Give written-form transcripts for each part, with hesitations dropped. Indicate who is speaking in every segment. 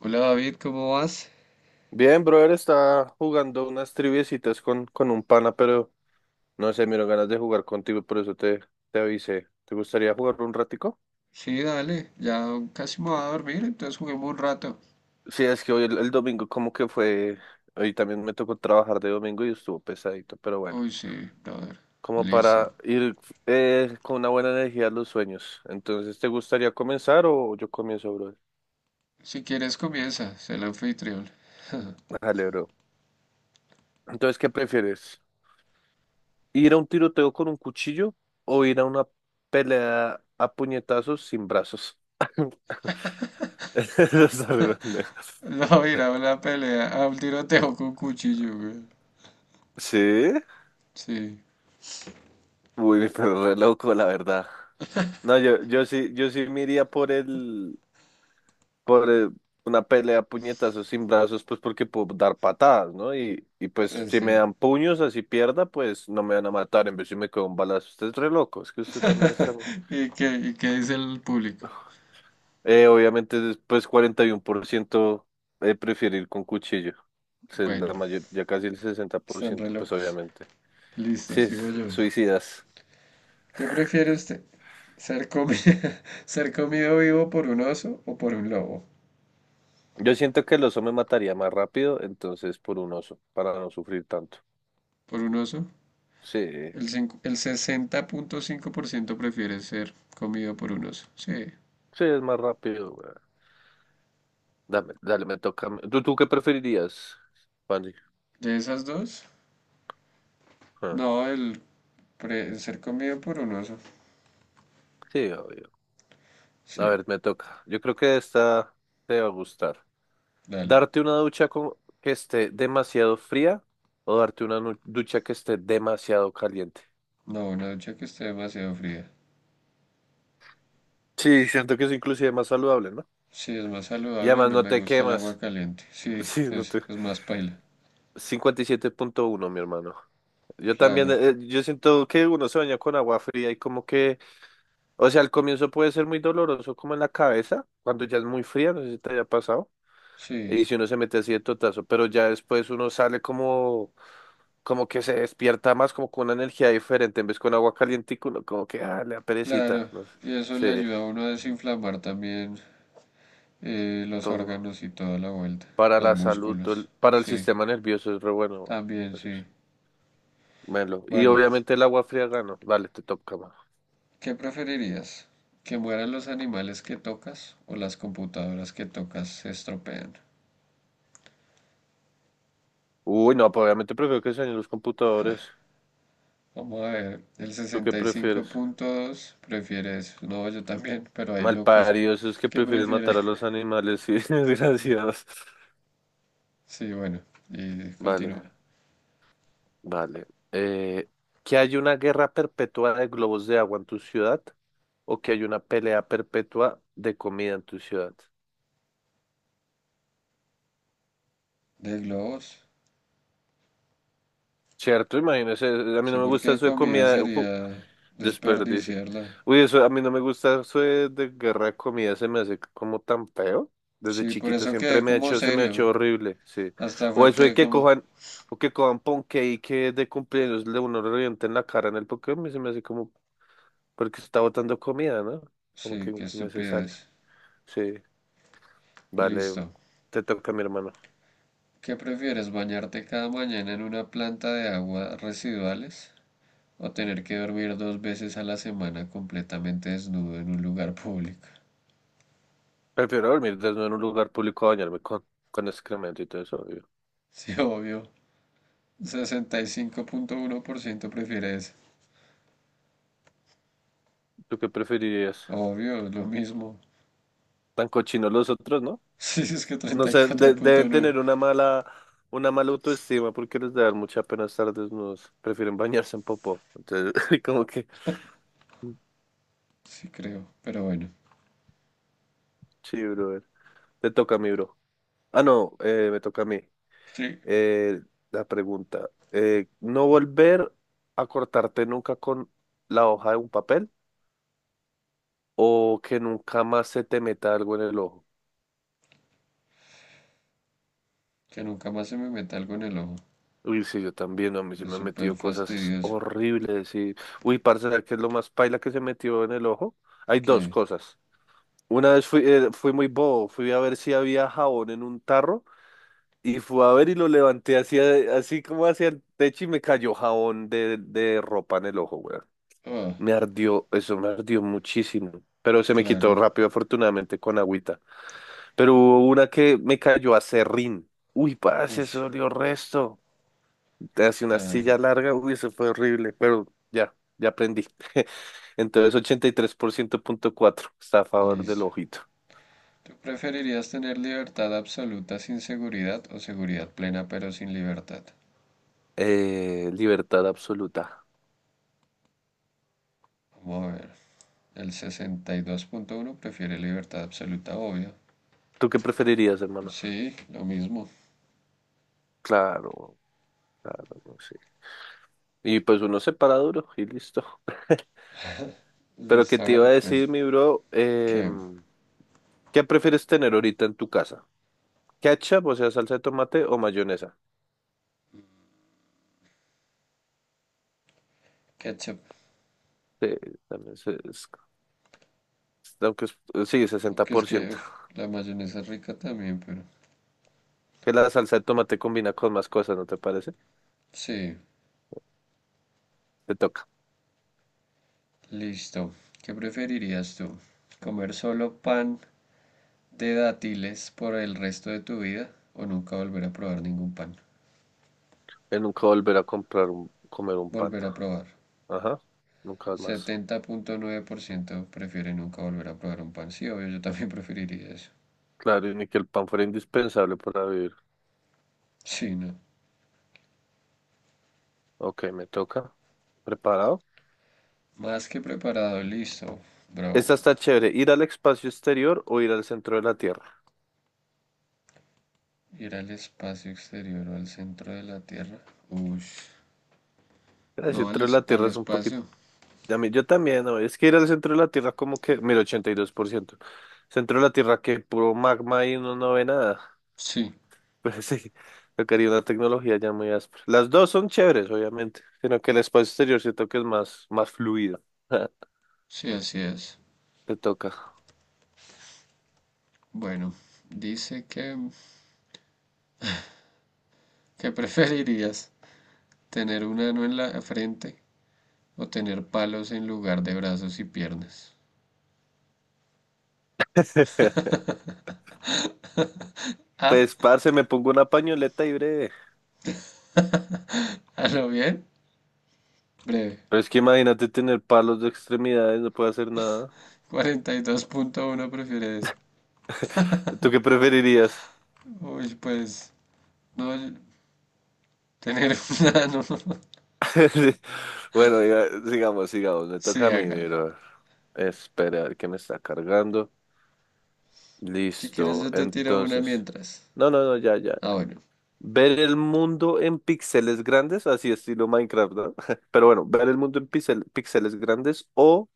Speaker 1: Hola David, ¿cómo vas?
Speaker 2: Bien, brother, está jugando unas triviecitas con un pana, pero no sé, me dieron ganas de jugar contigo, por eso te avisé. ¿Te gustaría jugar un ratico?
Speaker 1: Sí, dale, ya casi me voy a dormir, entonces juguemos un rato.
Speaker 2: Sí, es que hoy el domingo como que fue, hoy también me tocó trabajar de domingo y estuvo pesadito, pero bueno,
Speaker 1: Uy, sí, brother,
Speaker 2: como
Speaker 1: listo.
Speaker 2: para ir con una buena energía a los sueños. Entonces, ¿te gustaría comenzar o yo comienzo, brother?
Speaker 1: Si quieres comienza, sé el anfitrión.
Speaker 2: Dale, bro. Entonces, ¿qué prefieres? ¿Ir a un tiroteo con un cuchillo o ir a una pelea a puñetazos sin brazos? No sabe
Speaker 1: No, mira, una pelea, a un tiroteo con cuchillo, güey.
Speaker 2: Sí,
Speaker 1: Sí,
Speaker 2: uy, pero re loco, la verdad. No, yo sí me iría por el, por el- una pelea a puñetazos sin brazos, pues porque puedo dar patadas, ¿no? Y pues
Speaker 1: pues
Speaker 2: si me
Speaker 1: sí.
Speaker 2: dan puños así pierda, pues no me van a matar, en vez si me quedo un balazo. Usted es re loco, es que usted también está.
Speaker 1: Y qué dice el público?
Speaker 2: Obviamente después 41% prefiere ir con cuchillo.
Speaker 1: Bueno,
Speaker 2: La mayor, ya casi el sesenta por
Speaker 1: están re
Speaker 2: ciento pues
Speaker 1: locos.
Speaker 2: obviamente.
Speaker 1: Listo,
Speaker 2: Sí,
Speaker 1: sigo yo.
Speaker 2: suicidas.
Speaker 1: ¿Qué prefiere usted? ¿Ser comi- ser comido vivo por un oso o por un lobo?
Speaker 2: Yo siento que el oso me mataría más rápido, entonces por un oso, para no sufrir tanto.
Speaker 1: ¿Por un oso?
Speaker 2: Sí,
Speaker 1: El, 60.5- el ciento prefiere ser comido por un oso. Sí.
Speaker 2: sí, es más rápido, güey. Dame, dale, me toca a mí. ¿Tú qué preferirías, Fanny?
Speaker 1: ¿De esas dos?
Speaker 2: Ah,
Speaker 1: No, el, pre- el ser comido por un oso.
Speaker 2: sí, obvio.
Speaker 1: Sí,
Speaker 2: A ver, me toca. Yo creo que esta te va a gustar.
Speaker 1: dale.
Speaker 2: ¿Darte una ducha que esté demasiado fría o darte una ducha que esté demasiado caliente?
Speaker 1: No, una ducha que esté demasiado fría.
Speaker 2: Sí, siento que es inclusive más saludable, ¿no?
Speaker 1: Sí, es más
Speaker 2: Y
Speaker 1: saludable y
Speaker 2: además
Speaker 1: no
Speaker 2: no
Speaker 1: me
Speaker 2: te
Speaker 1: gusta el agua
Speaker 2: quemas.
Speaker 1: caliente. Sí,
Speaker 2: Sí, no te...
Speaker 1: es más paila.
Speaker 2: 57.1 mi hermano. Yo también,
Speaker 1: Claro,
Speaker 2: yo siento que uno se baña con agua fría y como que, o sea, al comienzo puede ser muy doloroso como en la cabeza, cuando ya es muy fría, no sé si te haya pasado,
Speaker 1: sí,
Speaker 2: y si uno se mete así de totazo, pero ya después uno sale como que se despierta más, como con una energía diferente, en vez con agua caliente, uno como que, ah, le da perecita,
Speaker 1: claro.
Speaker 2: no
Speaker 1: Y eso le
Speaker 2: sé, sí,
Speaker 1: ayuda a uno a desinflamar también los
Speaker 2: todo,
Speaker 1: órganos y toda la vuelta.
Speaker 2: para
Speaker 1: Los
Speaker 2: la salud,
Speaker 1: músculos.
Speaker 2: para el
Speaker 1: Sí,
Speaker 2: sistema nervioso es re bueno,
Speaker 1: también
Speaker 2: eso
Speaker 1: sí.
Speaker 2: sí, melo, y
Speaker 1: Bueno,
Speaker 2: obviamente el agua fría gano, dale, te toca, mano.
Speaker 1: ¿qué preferirías? ¿Que mueran los animales que tocas o las computadoras que tocas se estropean?
Speaker 2: Uy, no, pues obviamente prefiero que se dañen los computadores.
Speaker 1: Vamos a ver, el
Speaker 2: ¿Tú qué prefieres?
Speaker 1: 65.2 prefiere eso. No, yo también, pero hay locos
Speaker 2: Malparidos, esos que
Speaker 1: que
Speaker 2: prefieres
Speaker 1: prefieren.
Speaker 2: matar a los animales, sí, desgraciados.
Speaker 1: Sí, bueno, y
Speaker 2: Vale,
Speaker 1: continúa.
Speaker 2: vale. Eh, ¿Que hay una guerra perpetua de globos de agua en tu ciudad o que hay una pelea perpetua de comida en tu ciudad?
Speaker 1: ¿De globos?
Speaker 2: Cierto, imagínese, a mí
Speaker 1: Sí,
Speaker 2: no me gusta
Speaker 1: porque
Speaker 2: eso de
Speaker 1: comida
Speaker 2: comida.
Speaker 1: sería
Speaker 2: Desperdicio.
Speaker 1: desperdiciarla.
Speaker 2: Uy, eso a mí no me gusta eso de guerra de comida, se me hace como tan feo. Desde
Speaker 1: Sí, por
Speaker 2: chiquito
Speaker 1: eso
Speaker 2: siempre
Speaker 1: quedé
Speaker 2: me ha
Speaker 1: como
Speaker 2: hecho, se me ha
Speaker 1: serio.
Speaker 2: hecho horrible, sí.
Speaker 1: Hasta
Speaker 2: O
Speaker 1: fue
Speaker 2: eso de
Speaker 1: que
Speaker 2: que
Speaker 1: como...
Speaker 2: cojan, o que cojan ponqué y que de cumpleaños le uno le revienten la cara en el Pokémon, se me hace como, porque está botando comida, ¿no? Como que
Speaker 1: Sí, qué
Speaker 2: innecesario.
Speaker 1: estupidez.
Speaker 2: Sí, vale,
Speaker 1: Listo.
Speaker 2: te toca mi hermano.
Speaker 1: ¿Qué prefieres, bañarte cada mañana en una planta de aguas residuales o tener que dormir dos veces a la semana completamente desnudo en un lugar público?
Speaker 2: Prefiero dormir desnudo en un lugar público a bañarme con excremento y todo eso, obvio.
Speaker 1: Sí, obvio. 65.1% prefiere eso.
Speaker 2: ¿Tú qué preferirías?
Speaker 1: Obvio, es lo mismo.
Speaker 2: Tan cochinos los otros, ¿no?
Speaker 1: Sí, es que
Speaker 2: No
Speaker 1: treinta y
Speaker 2: sé,
Speaker 1: cuatro punto
Speaker 2: deben
Speaker 1: nueve.
Speaker 2: tener una mala autoestima porque les da mucha pena estar desnudos. Prefieren bañarse en popó. Entonces, como que, mm,
Speaker 1: Sí, creo. Pero bueno.
Speaker 2: sí, brother. Te toca a mí, bro. Ah, no, me toca a mí.
Speaker 1: Sí.
Speaker 2: Eh, la pregunta. ¿No volver a cortarte nunca con la hoja de un papel? ¿O que nunca más se te meta algo en el ojo?
Speaker 1: Que nunca más se me meta algo en el ojo.
Speaker 2: Uy, sí, yo también, a mí se
Speaker 1: Es
Speaker 2: me han
Speaker 1: súper
Speaker 2: metido cosas
Speaker 1: fastidioso.
Speaker 2: horribles. Y... Uy, parce, ¿sabes qué es lo más paila que se metió en el ojo? Hay dos
Speaker 1: Que.
Speaker 2: cosas. Una vez fui muy bobo, fui a ver si había jabón en un tarro y fui a ver y lo levanté así como hacia el techo y me cayó jabón de ropa en el ojo, weón.
Speaker 1: Ah,
Speaker 2: Me ardió, eso me ardió muchísimo, pero se me quitó
Speaker 1: claro.
Speaker 2: rápido, afortunadamente, con agüita. Pero hubo una que me cayó a serrín. Uy, parce, eso
Speaker 1: Ush,
Speaker 2: dolió resto. Te hace una
Speaker 1: claro.
Speaker 2: silla larga, uy, eso fue horrible, pero ya, ya aprendí. Entonces, 83.4% está a favor del
Speaker 1: Listo.
Speaker 2: ojito.
Speaker 1: ¿Tú preferirías tener libertad absoluta sin seguridad o seguridad plena pero sin libertad?
Speaker 2: Libertad absoluta.
Speaker 1: Vamos a ver. El 62.1 prefiere libertad absoluta, obvio.
Speaker 2: ¿Tú qué preferirías, hermano?
Speaker 1: Sí, lo mismo.
Speaker 2: Claro, claro, no sé. Y pues uno se para duro y listo. Pero qué
Speaker 1: Listo,
Speaker 2: te iba
Speaker 1: hágale
Speaker 2: a
Speaker 1: pues.
Speaker 2: decir, mi bro,
Speaker 1: ¿Qué?
Speaker 2: ¿Qué prefieres tener ahorita en tu casa? ¿Ketchup, o sea, salsa de tomate o mayonesa?
Speaker 1: Ketchup.
Speaker 2: Sí, también aunque es- sí, sesenta
Speaker 1: Aunque es
Speaker 2: por
Speaker 1: que
Speaker 2: ciento.
Speaker 1: uf, la mayonesa es rica también, pero.
Speaker 2: Que la salsa de tomate combina con más cosas, ¿no te parece?
Speaker 1: Sí,
Speaker 2: Te toca.
Speaker 1: listo. ¿Qué preferirías tú? ¿Comer solo pan de dátiles por el resto de tu vida o nunca volver a probar ningún pan?
Speaker 2: Que nunca volver a comer un pan.
Speaker 1: Volver a probar.
Speaker 2: Ajá, nunca más.
Speaker 1: 70.9% prefiere nunca volver a probar un pan. Sí, obvio, yo también preferiría eso.
Speaker 2: Claro, y ni que el pan fuera indispensable para vivir.
Speaker 1: Sí, no.
Speaker 2: Ok, me toca. ¿Preparado?
Speaker 1: Más que preparado, listo, bro.
Speaker 2: Esta está chévere. ¿Ir al espacio exterior o ir al centro de la Tierra?
Speaker 1: Ir al espacio exterior o al centro de la Tierra. Ush.
Speaker 2: El
Speaker 1: No, al,
Speaker 2: centro de
Speaker 1: es-
Speaker 2: la
Speaker 1: al
Speaker 2: Tierra es un poquito...
Speaker 1: espacio.
Speaker 2: Yo también, ¿no? Es que ir al centro de la Tierra como que... Mira, 82%. Centro de la Tierra que puro magma y uno no ve nada.
Speaker 1: Sí,
Speaker 2: Pero sí, tocaría una tecnología ya muy áspera. Las dos son chéveres, obviamente. Sino que el espacio exterior siento que es más, más fluido.
Speaker 1: sí, así es.
Speaker 2: Te toca.
Speaker 1: Bueno, dice que preferirías tener un ano en la frente o tener palos en lugar de brazos y piernas. Ah,
Speaker 2: Pues, parce, me pongo una pañoleta y breve.
Speaker 1: a lo bien. Breve.
Speaker 2: Pero es que imagínate tener palos de extremidades, no puedo hacer nada.
Speaker 1: 42.1 prefiere eso.
Speaker 2: ¿Tú qué preferirías?
Speaker 1: Uy, pues, no, el- tener una. Nano.
Speaker 2: Sí. Bueno, sigamos, sigamos. Me toca
Speaker 1: Sí,
Speaker 2: a mí,
Speaker 1: hágale.
Speaker 2: pero esperar que me está cargando.
Speaker 1: Si quieres,
Speaker 2: Listo.
Speaker 1: yo te tiro una
Speaker 2: Entonces.
Speaker 1: mientras.
Speaker 2: No, no, no, ya, ya.
Speaker 1: Ah, bueno.
Speaker 2: Ver el mundo en píxeles grandes, así estilo Minecraft, ¿no? Pero bueno, ver el mundo en píxeles grandes o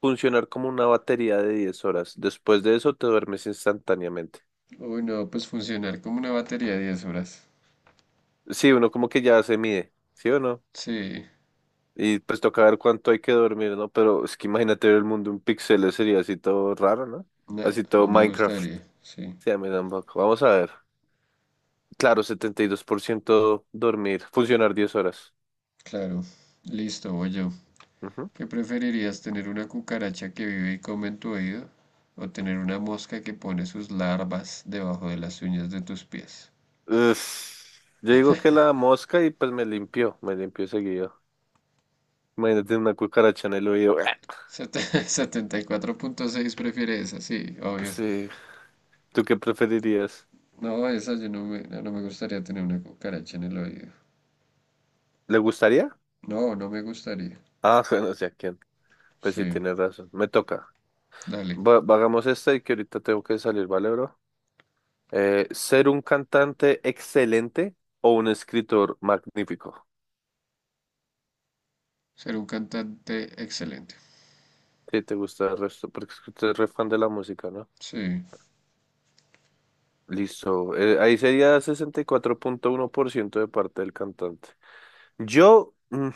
Speaker 2: funcionar como una batería de 10 horas. Después de eso te duermes instantáneamente.
Speaker 1: Uy, no, pues funcionar como una batería 10 horas.
Speaker 2: Sí, uno como que ya se mide, ¿sí o no?
Speaker 1: Sí,
Speaker 2: Y pues toca ver cuánto hay que dormir, ¿no? Pero es que imagínate ver el mundo en píxeles sería así todo raro, ¿no?
Speaker 1: no,
Speaker 2: Así todo
Speaker 1: no me
Speaker 2: Minecraft.
Speaker 1: gustaría. Sí,
Speaker 2: Sí, a mí tampoco. Vamos a ver. Claro, 72% dormir, funcionar 10 horas.
Speaker 1: claro. Listo, voy yo.
Speaker 2: Ujú.
Speaker 1: ¿Qué preferirías, tener una cucaracha que vive y come en tu oído? ¿O tener una mosca que pone sus larvas debajo de las uñas de tus pies?
Speaker 2: Es- Yo digo que la mosca y pues me limpió seguido. Imagínate una cucaracha en el oído.
Speaker 1: Sete- 74.6 prefiere esa, sí, obvio.
Speaker 2: Sí. ¿Tú qué preferirías?
Speaker 1: No, esa yo no me gustaría tener una cucaracha en el oído.
Speaker 2: ¿Le gustaría?
Speaker 1: No, no me gustaría.
Speaker 2: Ah, bueno, sé a quién. Pues sí,
Speaker 1: Sí,
Speaker 2: tienes razón. Me toca.
Speaker 1: dale.
Speaker 2: Hagamos esta y que ahorita tengo que salir, ¿vale, bro? ¿Ser un cantante excelente o un escritor magnífico?
Speaker 1: Ser un cantante excelente.
Speaker 2: ¿Qué te gusta el resto? Porque es que usted es re fan de la música, ¿no?
Speaker 1: Sí,
Speaker 2: Listo. Ahí sería 64.1% de parte del cantante. Yo,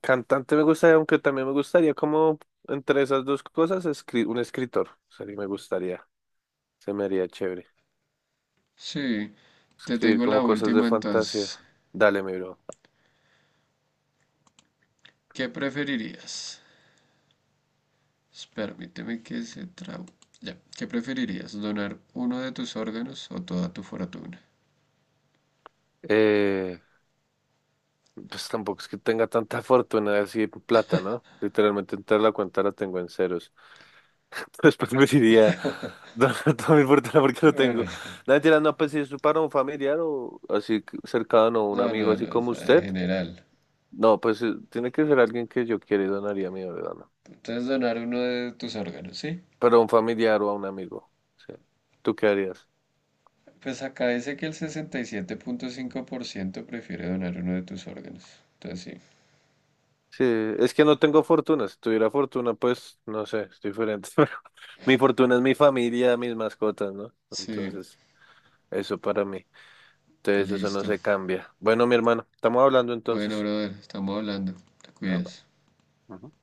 Speaker 2: cantante me gustaría, aunque también me gustaría como entre esas dos cosas, un escritor. Sería, me gustaría. Se me haría chévere.
Speaker 1: sí. Te
Speaker 2: Escribir
Speaker 1: tengo la
Speaker 2: como cosas de
Speaker 1: última
Speaker 2: fantasía.
Speaker 1: entonces.
Speaker 2: Dale, mi bro.
Speaker 1: ¿Qué preferirías? Permíteme que se trau... Ya. ¿Qué preferirías? ¿Donar uno de tus órganos o toda tu fortuna?
Speaker 2: Eh, Pues tampoco es que tenga tanta fortuna así de plata, ¿no? Literalmente entrar a la cuenta la tengo en ceros. Entonces preferiría donar toda mi fortuna porque lo tengo.
Speaker 1: Bueno,
Speaker 2: No, mentira, no, pues si es para un familiar o así cercano, un
Speaker 1: no,
Speaker 2: amigo
Speaker 1: no,
Speaker 2: así
Speaker 1: no, o
Speaker 2: como
Speaker 1: sea, en
Speaker 2: usted.
Speaker 1: general.
Speaker 2: No, pues tiene que ser alguien que yo quiera y donaría mi órgano.
Speaker 1: Entonces donar uno de tus órganos, ¿sí?
Speaker 2: Pero a un familiar o a un amigo. Sí. ¿Tú qué harías?
Speaker 1: Pues acá dice que el 67.5% prefiere donar uno de tus órganos. Entonces sí.
Speaker 2: Sí, es que no tengo fortuna. Si tuviera fortuna, pues no sé, es diferente. Pero mi fortuna es mi familia, mis mascotas, ¿no?
Speaker 1: Sí,
Speaker 2: Entonces. Eso para mí. Entonces eso no
Speaker 1: listo.
Speaker 2: se cambia. Bueno, mi hermano, estamos hablando
Speaker 1: Bueno,
Speaker 2: entonces.
Speaker 1: brother, estamos hablando. Te
Speaker 2: Ah, bueno.
Speaker 1: cuidas.
Speaker 2: Ujú.